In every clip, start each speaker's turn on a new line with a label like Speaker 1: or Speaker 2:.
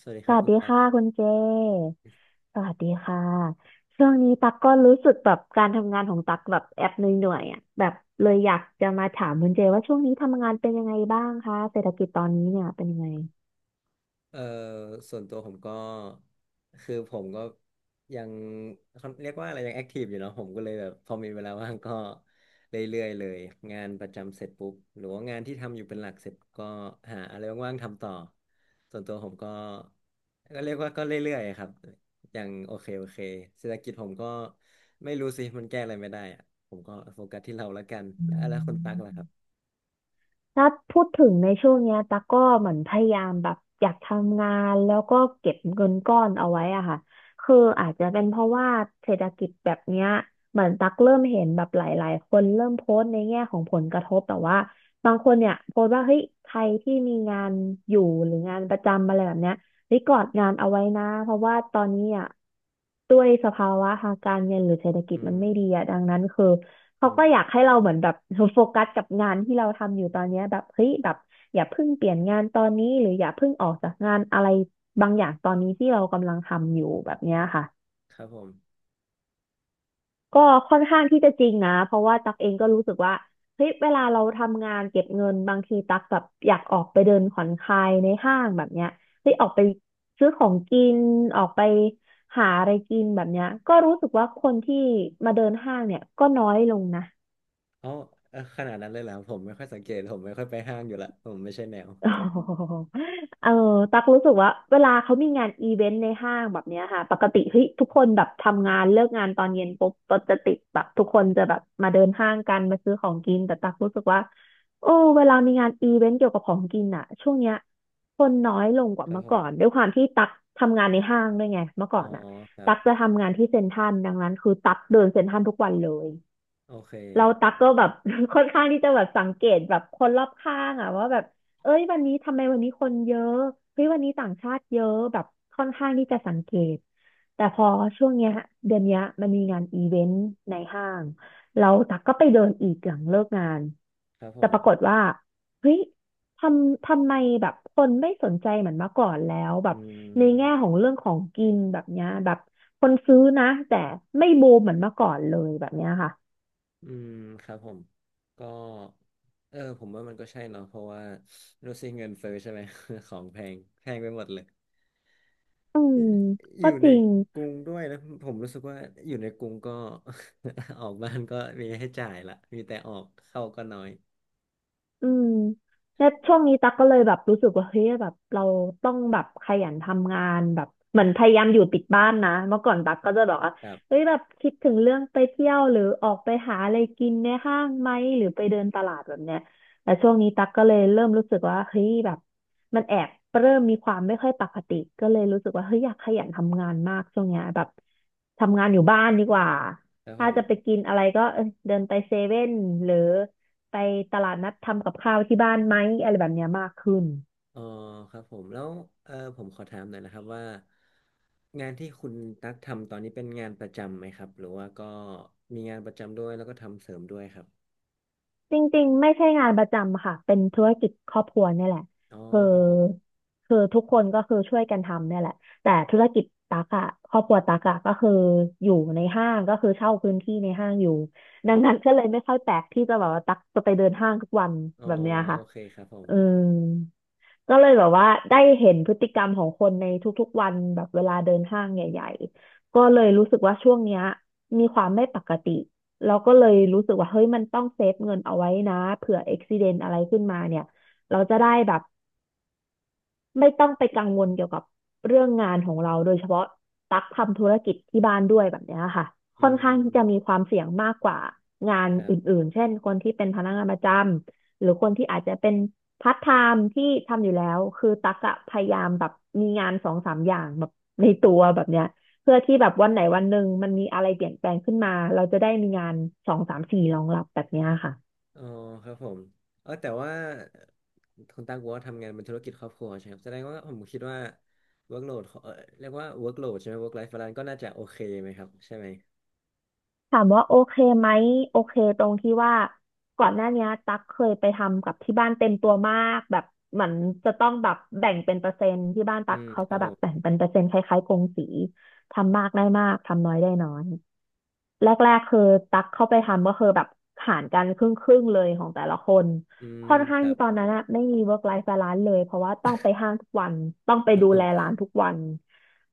Speaker 1: สวัสดีค
Speaker 2: ส
Speaker 1: รับ
Speaker 2: วัส
Speaker 1: คุณ
Speaker 2: ดี
Speaker 1: ตั
Speaker 2: ค่ะ
Speaker 1: ก
Speaker 2: คุณเจ สวัสดีค่ะ ช่วงนี้ตักก็รู้สึกแบบการทำงานของตักแบบแอบเหนื่อยๆอ่ะแบบเลยอยากจะมาถามคุณเจว่าช่วงนี้ทำงานเป็นยังไงบ้างคะเศรษฐกิจตอนนี้เนี่ยเป็นยังไง
Speaker 1: เอ่อส่วนตัวผมก็คือผมก็ยังเขาเรียกว่าอะไรยังแอคทีฟอยู่เนาะผมก็เลยแบบพอมีเวลาว่างก็เรื่อยๆเลยงานประจำเสร็จปุ๊บหรือว่างานที่ทำอยู่เป็นหลักเสร็จก็หาอะไรว่างๆทำต่อส่วนตัวผมก็เรียกว่าก็เรื่อยๆครับอย่างโอเคโอเคเศรษฐกิจผมก็ไม่รู้สิมันแก้อะไรไม่ได้อะผมก็โฟกัสที่เราแล้วกัน
Speaker 2: อื
Speaker 1: แล้วคุณตักล่ะครั
Speaker 2: ม
Speaker 1: บ
Speaker 2: ถ้าพูดถึงในช่วงเนี้ยตั๊กก็เหมือนพยายามแบบอยากทำงานแล้วก็เก็บเงินก้อนเอาไว้อะค่ะคืออาจจะเป็นเพราะว่าเศรษฐกิจแบบเนี้ยเหมือนตั๊กเริ่มเห็นแบบหลายๆคนเริ่มโพสต์ในแง่ของผลกระทบแต่ว่าบางคนเนี่ยโพสต์ว่าเฮ้ยใครที่มีงานอยู่หรืองานประจำอะไรแบบเนี้ยรีกอดงานเอาไว้นะเพราะว่าตอนนี้อ่ะด้วยสภาวะทางการเงินหรือเศรษฐกิ
Speaker 1: อื
Speaker 2: จมัน
Speaker 1: ม
Speaker 2: ไม่ดีอ่ะดังนั้นคือ เขา
Speaker 1: อื
Speaker 2: ก็
Speaker 1: ม
Speaker 2: อยากให้เราเหมือนแบบโฟกัสกับงานที่เราทำอยู่ตอนเนี้ยแบบเฮ้ยแบบอย่าเพิ่งเปลี่ยนงานตอนนี้หรืออย่าเพิ่งออกจากงานอะไรบางอย่างตอนนี้ที่เรากำลังทำอยู่แบบเนี้ยค่ะ
Speaker 1: ครับผม
Speaker 2: ก็ค่อนข้างที่จะจริงนะเพราะว่าตักเองก็รู้สึกว่าเฮ้ยเวลาเราทำงานเก็บเงินบางทีตักแบบอยากออกไปเดินผ่อนคลายในห้างแบบเนี้ยเฮ้ยออกไปซื้อของกินออกไปหาอะไรกินแบบเนี้ยก็รู้สึกว่าคนที่มาเดินห้างเนี่ยก็น้อยลงนะ
Speaker 1: เอ้าเอ้อขนาดนั้นเลยเหรอผมไม่ค่อยสังเกตผมไม่ค่อยไปห้างอยู่ละผมไม่ใช่แนว
Speaker 2: โอ้โหอตักรู้สึกว่าเวลาเขามีงานอีเวนต์ในห้างแบบเนี้ยค่ะปกติเฮ้ยทุกคนแบบทำงานเลิกงานตอนเย็นปุ๊บรถจะติดแบบทุกคนจะแบบมาเดินห้างกันมาซื้อของกินแต่ตักรู้สึกว่าโอ้เวลามีงานอีเวนต์เกี่ยวกับของกินอ่ะช่วงเนี้ยคนน้อยลงกว่า
Speaker 1: ครับ
Speaker 2: เมื่อ
Speaker 1: ผ
Speaker 2: ก่อน
Speaker 1: ม
Speaker 2: ด้วยความที่ตักทำงานในห้างด้วยไงเมื่อก่
Speaker 1: อ๋
Speaker 2: อ
Speaker 1: อ
Speaker 2: นอ่ะ
Speaker 1: ครับ
Speaker 2: ตักจะทำงานที่เซ็นทรัลดังนั้นคือตักเดินเซ็นทรัลทุกวันเลย
Speaker 1: โอเค
Speaker 2: เราตักก็แบบ ค่อนข้างที่จะแบบสังเกตแบบคนรอบข้างอะว่าแบบเอ้ยวันนี้ทำไมวันนี้คนเยอะเฮ้ยวันนี้ต่างชาติเยอะแบบค่อนข้างที่จะสังเกตแต่พอช่วงเนี้ยเดือนเนี้ยมันมีงานอีเวนต์ในห้างเราตักก็ไปเดินอีกหลังเลิกงาน
Speaker 1: ครับผ
Speaker 2: แต่
Speaker 1: ม
Speaker 2: ปรากฏว่าเฮ้ยทำไมแบบคนไม่สนใจเหมือนเมื่อก่อนแล้วแบ
Speaker 1: อื
Speaker 2: บในแง่
Speaker 1: ม
Speaker 2: ของเรื่องของกินแบบเนี้ยแบบคนซื้อนะแต่ไม่บูมเหมือนเมื่อก่อนเลยแบบเนี้ยค่ะ
Speaker 1: อืมครับผมก็ผมว่ามันก็ใช่เนาะเพราะว่ารู้สิเงินเฟ้อใช่ไหม ของแพงแพงไปหมดเลย
Speaker 2: อืม
Speaker 1: อ
Speaker 2: ก็
Speaker 1: ยู่
Speaker 2: จ
Speaker 1: ใน
Speaker 2: ริง
Speaker 1: กรุงด้วยนะผมรู้สึกว่าอยู่ในกรุงก็ ออกบ้านก็มีให้จ่ายละมีแต่ออกเข้าก็น้อย
Speaker 2: อืมแล้วช่วงนี้ตั๊กก็เลยแบบรู้สึกว่าเฮ้ยแบบเราต้องแบบขยันทำงานแบบเหมือนพยายามอยู่ติดบ้านนะเมื่อก่อนตั๊กก็จะบบกว่า
Speaker 1: ครับ
Speaker 2: เฮ้ยแบบคิดถึงเรื่องไปเที่ยวหรือออกไปหาอะไรกินในห้างไหมหรือไปเดินตลาดแบบเนี้ยแต่ช่วงนี้ตั๊กก็เลยเริ่มรู้สึกว่าเฮ้ยแบบมันแอบเริ่มมีความไม่ค่อยปกติก็เลยรู้สึกว่าเฮ้ยอยากขยันทำงานมากช่วงเนี้ยแบบทำงานอยู่บ้านดีกว่า
Speaker 1: ครับผ
Speaker 2: ถ้าจะไป
Speaker 1: ม
Speaker 2: กินอะไรก็เออเดินไปเซเว่นหรือ ไปตลาดนัดทำกับข้าวที่บ้านไหมอะไรแบบเนี้ยมากขึ้น
Speaker 1: อ๋อครับผมแล้วผมขอถามหน่อยนะครับว่างานที่คุณตั๊กทำตอนนี้เป็นงานประจำไหมครับหรือว่าก็มีงานประจำด้วยแล้วก็ทำเสริมด้วยครับ
Speaker 2: จริงๆไม่ใช่งานประจำค่ะเป็นธุรกิจครอบครัวเนี่ยแหละ
Speaker 1: อ๋อ
Speaker 2: คือ
Speaker 1: ครับผม
Speaker 2: ทุกคนก็คือช่วยกันทำเนี่ยแหละแต่ธุรกิจตักอะครอบครัวตักอะก็คืออยู่ในห้างก็คือเช่าพื้นที่ในห้างอยู่ดังนั้นก็เลยไม่ค่อยแปลกที่จะแบบว่าตักจะไปเดินห้างทุกวัน
Speaker 1: อ๋อ
Speaker 2: แบบเนี้ย
Speaker 1: โอ
Speaker 2: ค่ะ
Speaker 1: เคครับผม
Speaker 2: อืมก็เลยแบบว่าได้เห็นพฤติกรรมของคนในทุกๆวันแบบเวลาเดินห้างใหญ่ๆก็เลยรู้สึกว่าช่วงเนี้ยมีความไม่ปกติ เราก็เลยรู้สึกว่าเฮ้ยมันต้องเซฟเงินเอาไว้นะเผื่ออุบัติเหตุอะไรขึ้นมาเนี่ยเราจะได้แบบ ไม่ต้องไปกังวลเกี่ยวกับเรื่องงานของเราโดยเฉพาะตักทำธุรกิจที่บ้านด้วยแบบเนี้ยค่ะ
Speaker 1: อื
Speaker 2: ค่อนข้างที่จะมีค
Speaker 1: ม
Speaker 2: วามเสี่ยงมากกว่างาน
Speaker 1: ครับ
Speaker 2: อื่นๆเช่นคนที่เป็นพนักงานประจำหรือคนที่อาจจะเป็นพาร์ทไทม์ที่ทำอยู่แล้วคือตักอะพยายามแบบมีงานสองสามอย่างแบบในตัวแบบเนี้ยเพื่อที่แบบวันไหนวันหนึ่งมันมีอะไรเปลี่ยนแปลงขึ้นมาเราจะได้มีงานสองสามสี่รองรับแบบเนี้ยค่ะ
Speaker 1: อ๋อครับผมแต่ว่าคุณตั๊กบอกว่าทำงานเป็นธุรกิจครอบครัวใช่ไหมครับแสดงว่าผมคิดว่า workload เรียกว่า workload ใช่ไหม work life balance ก็น่าจะโอเคไหมครับใช่ไหม
Speaker 2: ถามว่าโอเคไหมโอเคตรงที่ว่าก่อนหน้าเนี้ยตั๊กเคยไปทำกับที่บ้านเต็มตัวมากแบบเหมือนจะต้องแบบแบ่งเป็นเปอร์เซ็นต์ที่บ้าน
Speaker 1: อื
Speaker 2: ตั๊ก
Speaker 1: ม
Speaker 2: เขา
Speaker 1: ค
Speaker 2: จะ
Speaker 1: รับ
Speaker 2: แบ
Speaker 1: ผ
Speaker 2: บแบ่ง
Speaker 1: ม
Speaker 2: เป็นเปอร์เซ็นต์คล้ายๆกงสีทำมากได้มากทำน้อยได้น้อยแรกๆคือตั๊กเข้าไปทำก็คือแบบหารกันครึ่งๆเลยของแต่ละคน
Speaker 1: อืม
Speaker 2: ค่อนข้า
Speaker 1: ค
Speaker 2: ง
Speaker 1: รั
Speaker 2: ที่
Speaker 1: บ
Speaker 2: ตอนนั้นอะไม่มี work life balance เลยเพราะว่าต้องไปห้างทุกวันต้องไป
Speaker 1: ครับ
Speaker 2: ดู
Speaker 1: ผ
Speaker 2: แล
Speaker 1: ม
Speaker 2: ร้านทุกวัน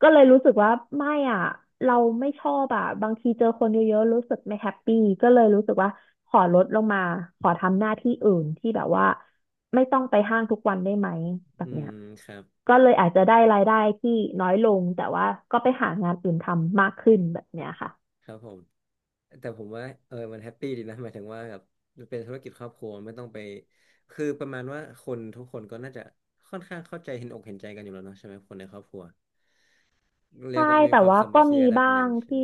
Speaker 2: ก็เลยรู้สึกว่าไม่อ่ะเราไม่ชอบอ่ะบางทีเจอคนเยอะๆรู้สึกไม่แฮปปี้ก็เลยรู้สึกว่าขอลดลงมาขอทำหน้าที่อื่นที่แบบว่าไม่ต้องไปห้างทุกวันได้ไหมแบ
Speaker 1: อื
Speaker 2: บเนี้
Speaker 1: ม
Speaker 2: ย
Speaker 1: ครับ
Speaker 2: ก็เลยอาจจะได้รายได้ที่น้อยลงแต่ว่าก็ไปหางานอื่นทำมากขึ้นแบบเนี้ยค่ะ
Speaker 1: ครับผม แต่ผมว่ามันแฮปปี้ดีนะหมายถึงว่าแบบมันเป็นธุรกิจครอบครัวไม่ต้องไปคือประมาณว่าคนทุกคนก็น่าจะค่อนข้างเข้าใจเห็นอกเห็นใจกันอยู่แล้วเนาะใช่ไหมคนในครอบครัวเรีย
Speaker 2: ใช่
Speaker 1: กว่ามี
Speaker 2: แต่
Speaker 1: ความ
Speaker 2: ว่า
Speaker 1: สา
Speaker 2: ก็
Speaker 1: มัคคี
Speaker 2: มี
Speaker 1: ระดับ
Speaker 2: บ้า
Speaker 1: หนึ่ง
Speaker 2: ง
Speaker 1: ใช่ไห
Speaker 2: ที่
Speaker 1: ม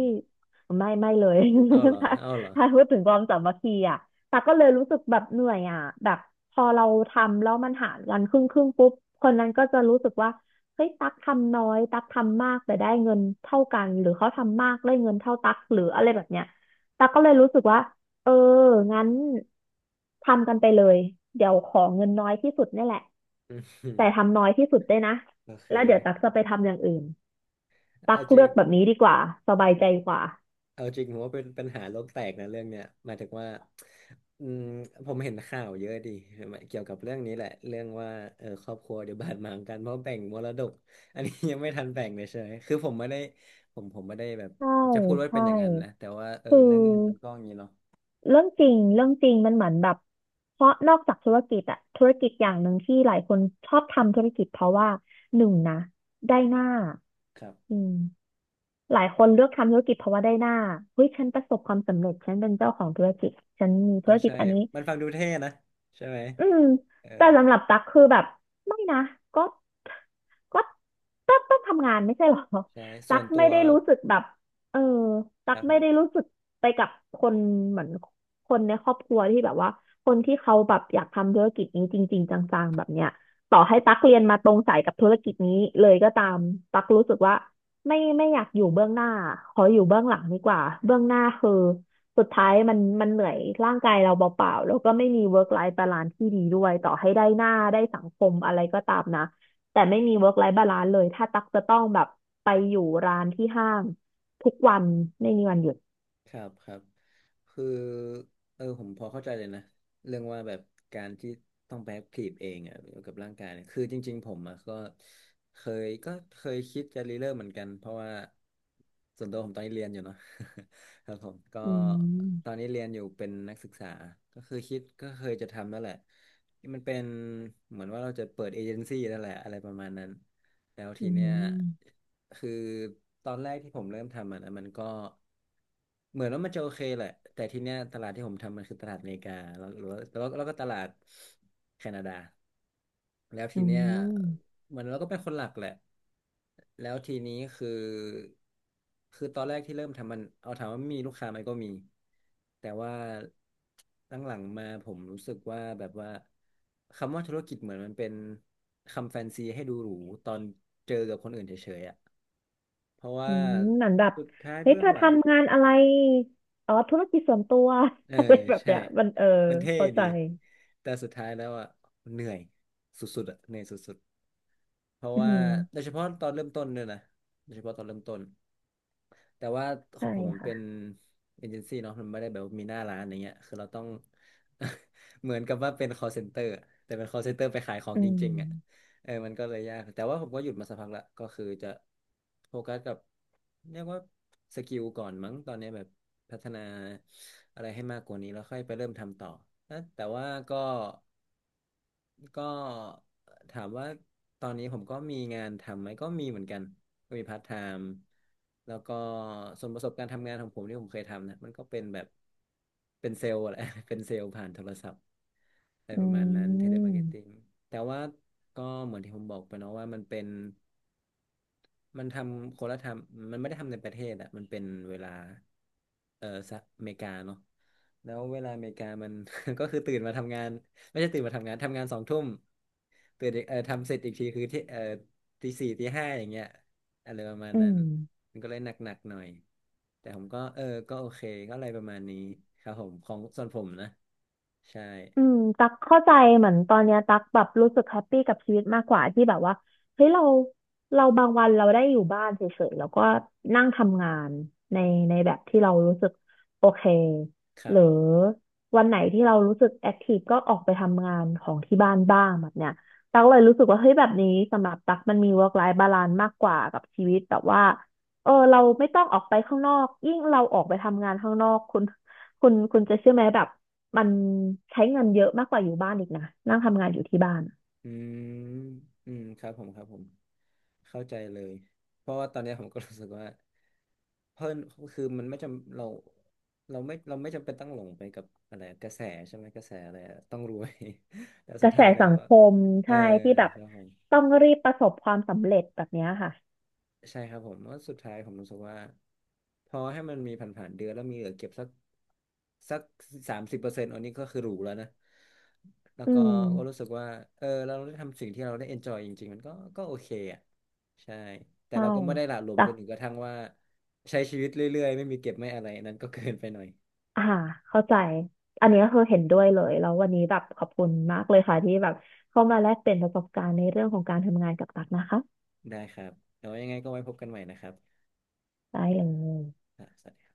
Speaker 2: ไม่เลย
Speaker 1: เอาเหร อ
Speaker 2: ถ้า
Speaker 1: เอาเหรอ
Speaker 2: ถ้าพูดถึงความสามัคคีอ่ะแต่ก็เลยรู้สึกแบบเหนื่อยอ่ะแบบพอเราทำแล้วมันหารกันครึ่งครึ่งปุ๊บคนนั้นก็จะรู้สึกว่าเฮ้ยตักทำน้อยตักทำมากแต่ได้เงินเท่ากันหรือเขาทำมากได้เงินเท่าตักหรืออะไรแบบเนี้ยตักก็เลยรู้สึกว่าเอองั้นทำกันไปเลยเดี๋ยวขอเงินน้อยที่สุดนี่แหละ
Speaker 1: อืม
Speaker 2: แต่ทำน้อยที่สุดด้วยนะ
Speaker 1: โอเค
Speaker 2: แล้วเดี๋ยวตักจะไปทำอย่างอื่น ตั
Speaker 1: เอา
Speaker 2: ก
Speaker 1: จริ
Speaker 2: เลือ
Speaker 1: ง
Speaker 2: กแบบนี้ดีกว่าสบายใจกว่า
Speaker 1: เอาจริงผมว่าเป็นปัญหาโลกแตกนะเรื่องเนี้ยหมายถึงว่าอืมผมเห็นข่าวเยอะดิเกี่ยวกับเรื่องนี้แหละเรื่องว่าครอบครัวเดี๋ยวบาดหมางกันเพราะแบ่งมรดกอันนี้ยังไม่ทันแบ่งเลยเฉยคือผมไม่ได้ผมไม่ได้แบบ
Speaker 2: ใช่
Speaker 1: จะพูดว่าเป็
Speaker 2: ใช่
Speaker 1: นอย่างนั้นนะแต่ว่า
Speaker 2: คือ
Speaker 1: เรื่องเงินมันก็อย่างนี้เนาะ
Speaker 2: เรื่องจริงมันเหมือนแบบเพราะนอกจากธุรกิจอะธุรกิจอย่างหนึ่งที่หลายคนชอบทำธุรกิจเพราะว่าหนึ่งนะได้หน้า
Speaker 1: ครั
Speaker 2: อื
Speaker 1: บ
Speaker 2: มหลายคนเลือกทำธุรกิจเพราะว่าได้หน้าเฮ้ยฉันประสบความสำเร็จฉันเป็นเจ้าของธุรกิจฉันมี
Speaker 1: อ๋
Speaker 2: ธุ
Speaker 1: อ
Speaker 2: รกิจ
Speaker 1: ใช่
Speaker 2: อันนี้
Speaker 1: มันฟังดูเท่นะใช่ไหม
Speaker 2: อืม
Speaker 1: เออ
Speaker 2: แต่สำหรับตั๊กคือแบบไม่นะก็ก็ตักต้องทำงานไม่ใช่หรอ
Speaker 1: ใช่ ส่
Speaker 2: ตั๊
Speaker 1: ว
Speaker 2: ก
Speaker 1: นตั
Speaker 2: ไม่
Speaker 1: ว
Speaker 2: ได้รู้สึกแบบเออ
Speaker 1: ค
Speaker 2: ตั๊ก
Speaker 1: รับผ
Speaker 2: ไม่ได้
Speaker 1: ม
Speaker 2: รู้สึกไปกับคนเหมือนคนในครอบครัวที่แบบว่าคนที่เขาแบบอยากทำธุรกิจนี้จริงๆจังๆแบบเนี้ยต่อให้ตั๊กเรียนมาตรงสายกับธุรกิจนี้เลยก็ตามตั๊กรู้สึกว่าไม่อยากอยู่เบื้องหน้าขออยู่เบื้องหลังดีกว่าเบื้องหน้าคือ สุดท้ายมันเหนื่อยร่างกายเราเปล่าๆแล้วก็ไม่มี work life balance ที่ดีด้วยต่อให้ได้หน้าได้สังคมอะไรก็ตามนะแต่ไม่มี work life balance เลยถ้าตักจะต้องแบบไปอยู่ร้านที่ห้างทุกวันไม่มีวันหยุด
Speaker 1: ครับครับคือผมพอเข้าใจเลยนะเรื่องว่าแบบการที่ต้องไปแอคทีฟเองอ่ะเกี่ยวกับร่างกายเนี่ยคือจริงๆผมอ่ะก็เคยก็เคยคิดจะรีเริ่มเหมือนกันเพราะว่าส่วนตัวผมตอนนี้เรียนอยู่เนาะ ครับผมก็
Speaker 2: อื
Speaker 1: ตอน
Speaker 2: ม
Speaker 1: นี้เรียนอยู่เป็นนักศึกษาก็คือคิดก็เคยจะทำนั่นแหละมันเป็นเหมือนว่าเราจะเปิดเอเจนซี่นั่นแหละอะไรประมาณนั้น แล้วที
Speaker 2: อื
Speaker 1: เนี้ย
Speaker 2: ม
Speaker 1: คือตอนแรกที่ผมเริ่มทำมันมันก็เหมือนว่ามันจะโอเคแหละแต่ทีเนี้ยตลาดที่ผมทำมันคือตลาดอเมริกาแล้วก็ตลาดแคนาดาแล้ว
Speaker 2: อื
Speaker 1: ทีเนี้ย
Speaker 2: ม
Speaker 1: เหมือนเราก็เป็นคนหลักแหละ แล้วทีนี้คือ คือตอนแรกที่เริ่มทำมัน เอาถามว่ามีลูกค้าไหมก็มี แต่ว่าตั้งหลังๆมาผมรู้สึกว่าแบบว่า คำว่าธุรกิจเหมือนมันเป็นคำแฟนซีให้ดูหรูตอนเจอกับคนอื่นเฉยๆอ่ะเพราะ
Speaker 2: อื
Speaker 1: ว่า
Speaker 2: มเหมือนแบบ
Speaker 1: สุดท้าย
Speaker 2: เฮ้ย
Speaker 1: เบื้อ
Speaker 2: เธ
Speaker 1: ง
Speaker 2: อ
Speaker 1: หลัง
Speaker 2: ทำงานอะไรอ๋อธุรกิจส่วนตัว
Speaker 1: เออ
Speaker 2: อะไรแบบ
Speaker 1: ใช่
Speaker 2: เนี้ยมันเออ
Speaker 1: มันเท่
Speaker 2: เข้าใจ
Speaker 1: ดีแต่สุดท้ายแล้วอ่ะเหนื่อยสุดๆอ่ะเหนื่อยสุดๆเพราะ
Speaker 2: อื
Speaker 1: ว่า
Speaker 2: ม
Speaker 1: โดยเฉพาะตอนเริ่มต้นด้วยนะโดยเฉพาะตอนเริ่มต้นแต่ว่าขอ
Speaker 2: ใช่
Speaker 1: งผมมัน
Speaker 2: ค่ะ
Speaker 1: เป็นเอเจนซี่เนาะมันไม่ได้แบบว่ามีหน้าร้านอย่างเงี้ยคือเราต้อง เหมือนกับว่าเป็น call center อะแต่เป็น call center ไปขายของ
Speaker 2: อื
Speaker 1: จริงๆอ่ะ
Speaker 2: ม
Speaker 1: มันก็เลยยากแต่ว่าผมก็หยุดมาสักพักละก็คือจะโฟกัสกับเรียกว่าสกิลก่อนมั้งตอนนี้แบบพัฒนาอะไรให้มากกว่านี้แล้วค่อยไปเริ่มทำต่อนะแต่ว่าก็ก็ถามว่าตอนนี้ผมก็มีงานทำไหมก็มีเหมือนกัน ก็มีพาร์ทไทม์แล้วก็ส่วนประสบการณ์ทำงานของผมที่ผมเคยทำนะมันก็เป็นแบบเป็นเซลล์แหละ เป็นเซลล์ผ่านโทรศัพท์ อะไร
Speaker 2: อื
Speaker 1: ประมาณนั้นเทเลมาร์เก็ตติ้ง
Speaker 2: ม
Speaker 1: แต่ว่าก็เหมือนที่ผมบอกไปเนาะว่ามันเป็นมันทำคนละทำมันไม่ได้ทำในประเทศอะมันเป็นเวลาสหรัฐอเมริกาเนาะแล้วเวลาอเมริกามัน ก็คือตื่นมาทำงานไม่ใช่ตื่นมาทำงานทำงาน2 ทุ่มตื่นอีกทำเสร็จอีกทีคือที่ตี 4 ตี 5อย่างเงี้ยอะไรประมาณ
Speaker 2: อื
Speaker 1: นั้น
Speaker 2: ม
Speaker 1: มันก็เลยหนักๆหน่อยแต่ผมก็ก็โอเคก็อะไรประมาณนี้ครับผมของส่วนผมนะใช่
Speaker 2: อืมตักเข้าใจเหมือนตอนเนี้ยตักแบบรู้สึกแฮปปี้กับชีวิตมากกว่าที่แบบว่าเฮ้ยเราเราบางวันเราได้อยู่บ้านเฉยๆแล้วก็นั่งทำงานในในแบบที่เรารู้สึกโอเค
Speaker 1: ค
Speaker 2: ห
Speaker 1: รั
Speaker 2: รื
Speaker 1: บ
Speaker 2: อวันไหนที่เรารู้สึกแอคทีฟก็ออกไปทำงานของที่บ้านบ้างแบบเนี้ยตักเลยรู้สึกว่าเฮ้ยแบบนี้สำหรับตักมันมี work life balance มากกว่ากับชีวิตแบบว่าเออเราไม่ต้องออกไปข้างนอกยิ่งเราออกไปทำงานข้างนอกคุณจะเชื่อไหมแบบ มันใช้เงินเยอะมากกว่าอยู่บ้านอีกนะนั่งทำงานอยู่ที่บ้านอะ
Speaker 1: อืมอืมครับผมครับผม เข้าใจเลย เพราะว่าตอนเนี้ยผมก็รู้สึกว่าเพิ่นคือมันไม่จำเราเราไม่จำเป็นต้องหลงไปกับอะไรกระแสใช่ไหมกระแสอะไรอะต้องรวย แต่
Speaker 2: ก
Speaker 1: สุด
Speaker 2: ระแส
Speaker 1: ท้ายแล้
Speaker 2: สั
Speaker 1: ว
Speaker 2: ง
Speaker 1: อะ
Speaker 2: คม
Speaker 1: เออ
Speaker 2: ใช่ที่แบบ
Speaker 1: ครับผม
Speaker 2: ต้องรีบประสบความสำเร็จแบบเนี้ยค่ะ
Speaker 1: ใช่ครับผมว่าะสุดท้ายผมรู้สึกว่าพอให้มันมีผ่านๆเดือนแล้วมีเหลือเก็บสักสัก30%อันนี้ก็คือหรูแล้วนะแล้ว
Speaker 2: อื
Speaker 1: ก็
Speaker 2: ม
Speaker 1: ก็รู้สึกว่าเราได้ทำสิ่งที่เราได้เอนจอยจริงๆมันก็ก็โอเคอ่ะใช่แต่
Speaker 2: ใช่
Speaker 1: เราก็ไม่ได้หละหลวม
Speaker 2: แต่
Speaker 1: จนถึงกระทั่งว่าใช้ชีวิตเรื่อยๆไม่มีเก็บไม่อะไรอันนั้นก็เกินไปหน่อย
Speaker 2: อ่าเข้าใจอันนี้ก็คือเห็นด้วยเลยแล้ววันนี้แบบขอบคุณมากเลยค่ะที่แบบเข้ามาแลกเปลี่ยนประสบการณ์ในเรื่องของการทำงานกับตักนะคะ
Speaker 1: ได้ครับแล้วยังไงก็ไว้พบกันใหม่นะครับ
Speaker 2: ได้เลย
Speaker 1: อ่ะสวัสดี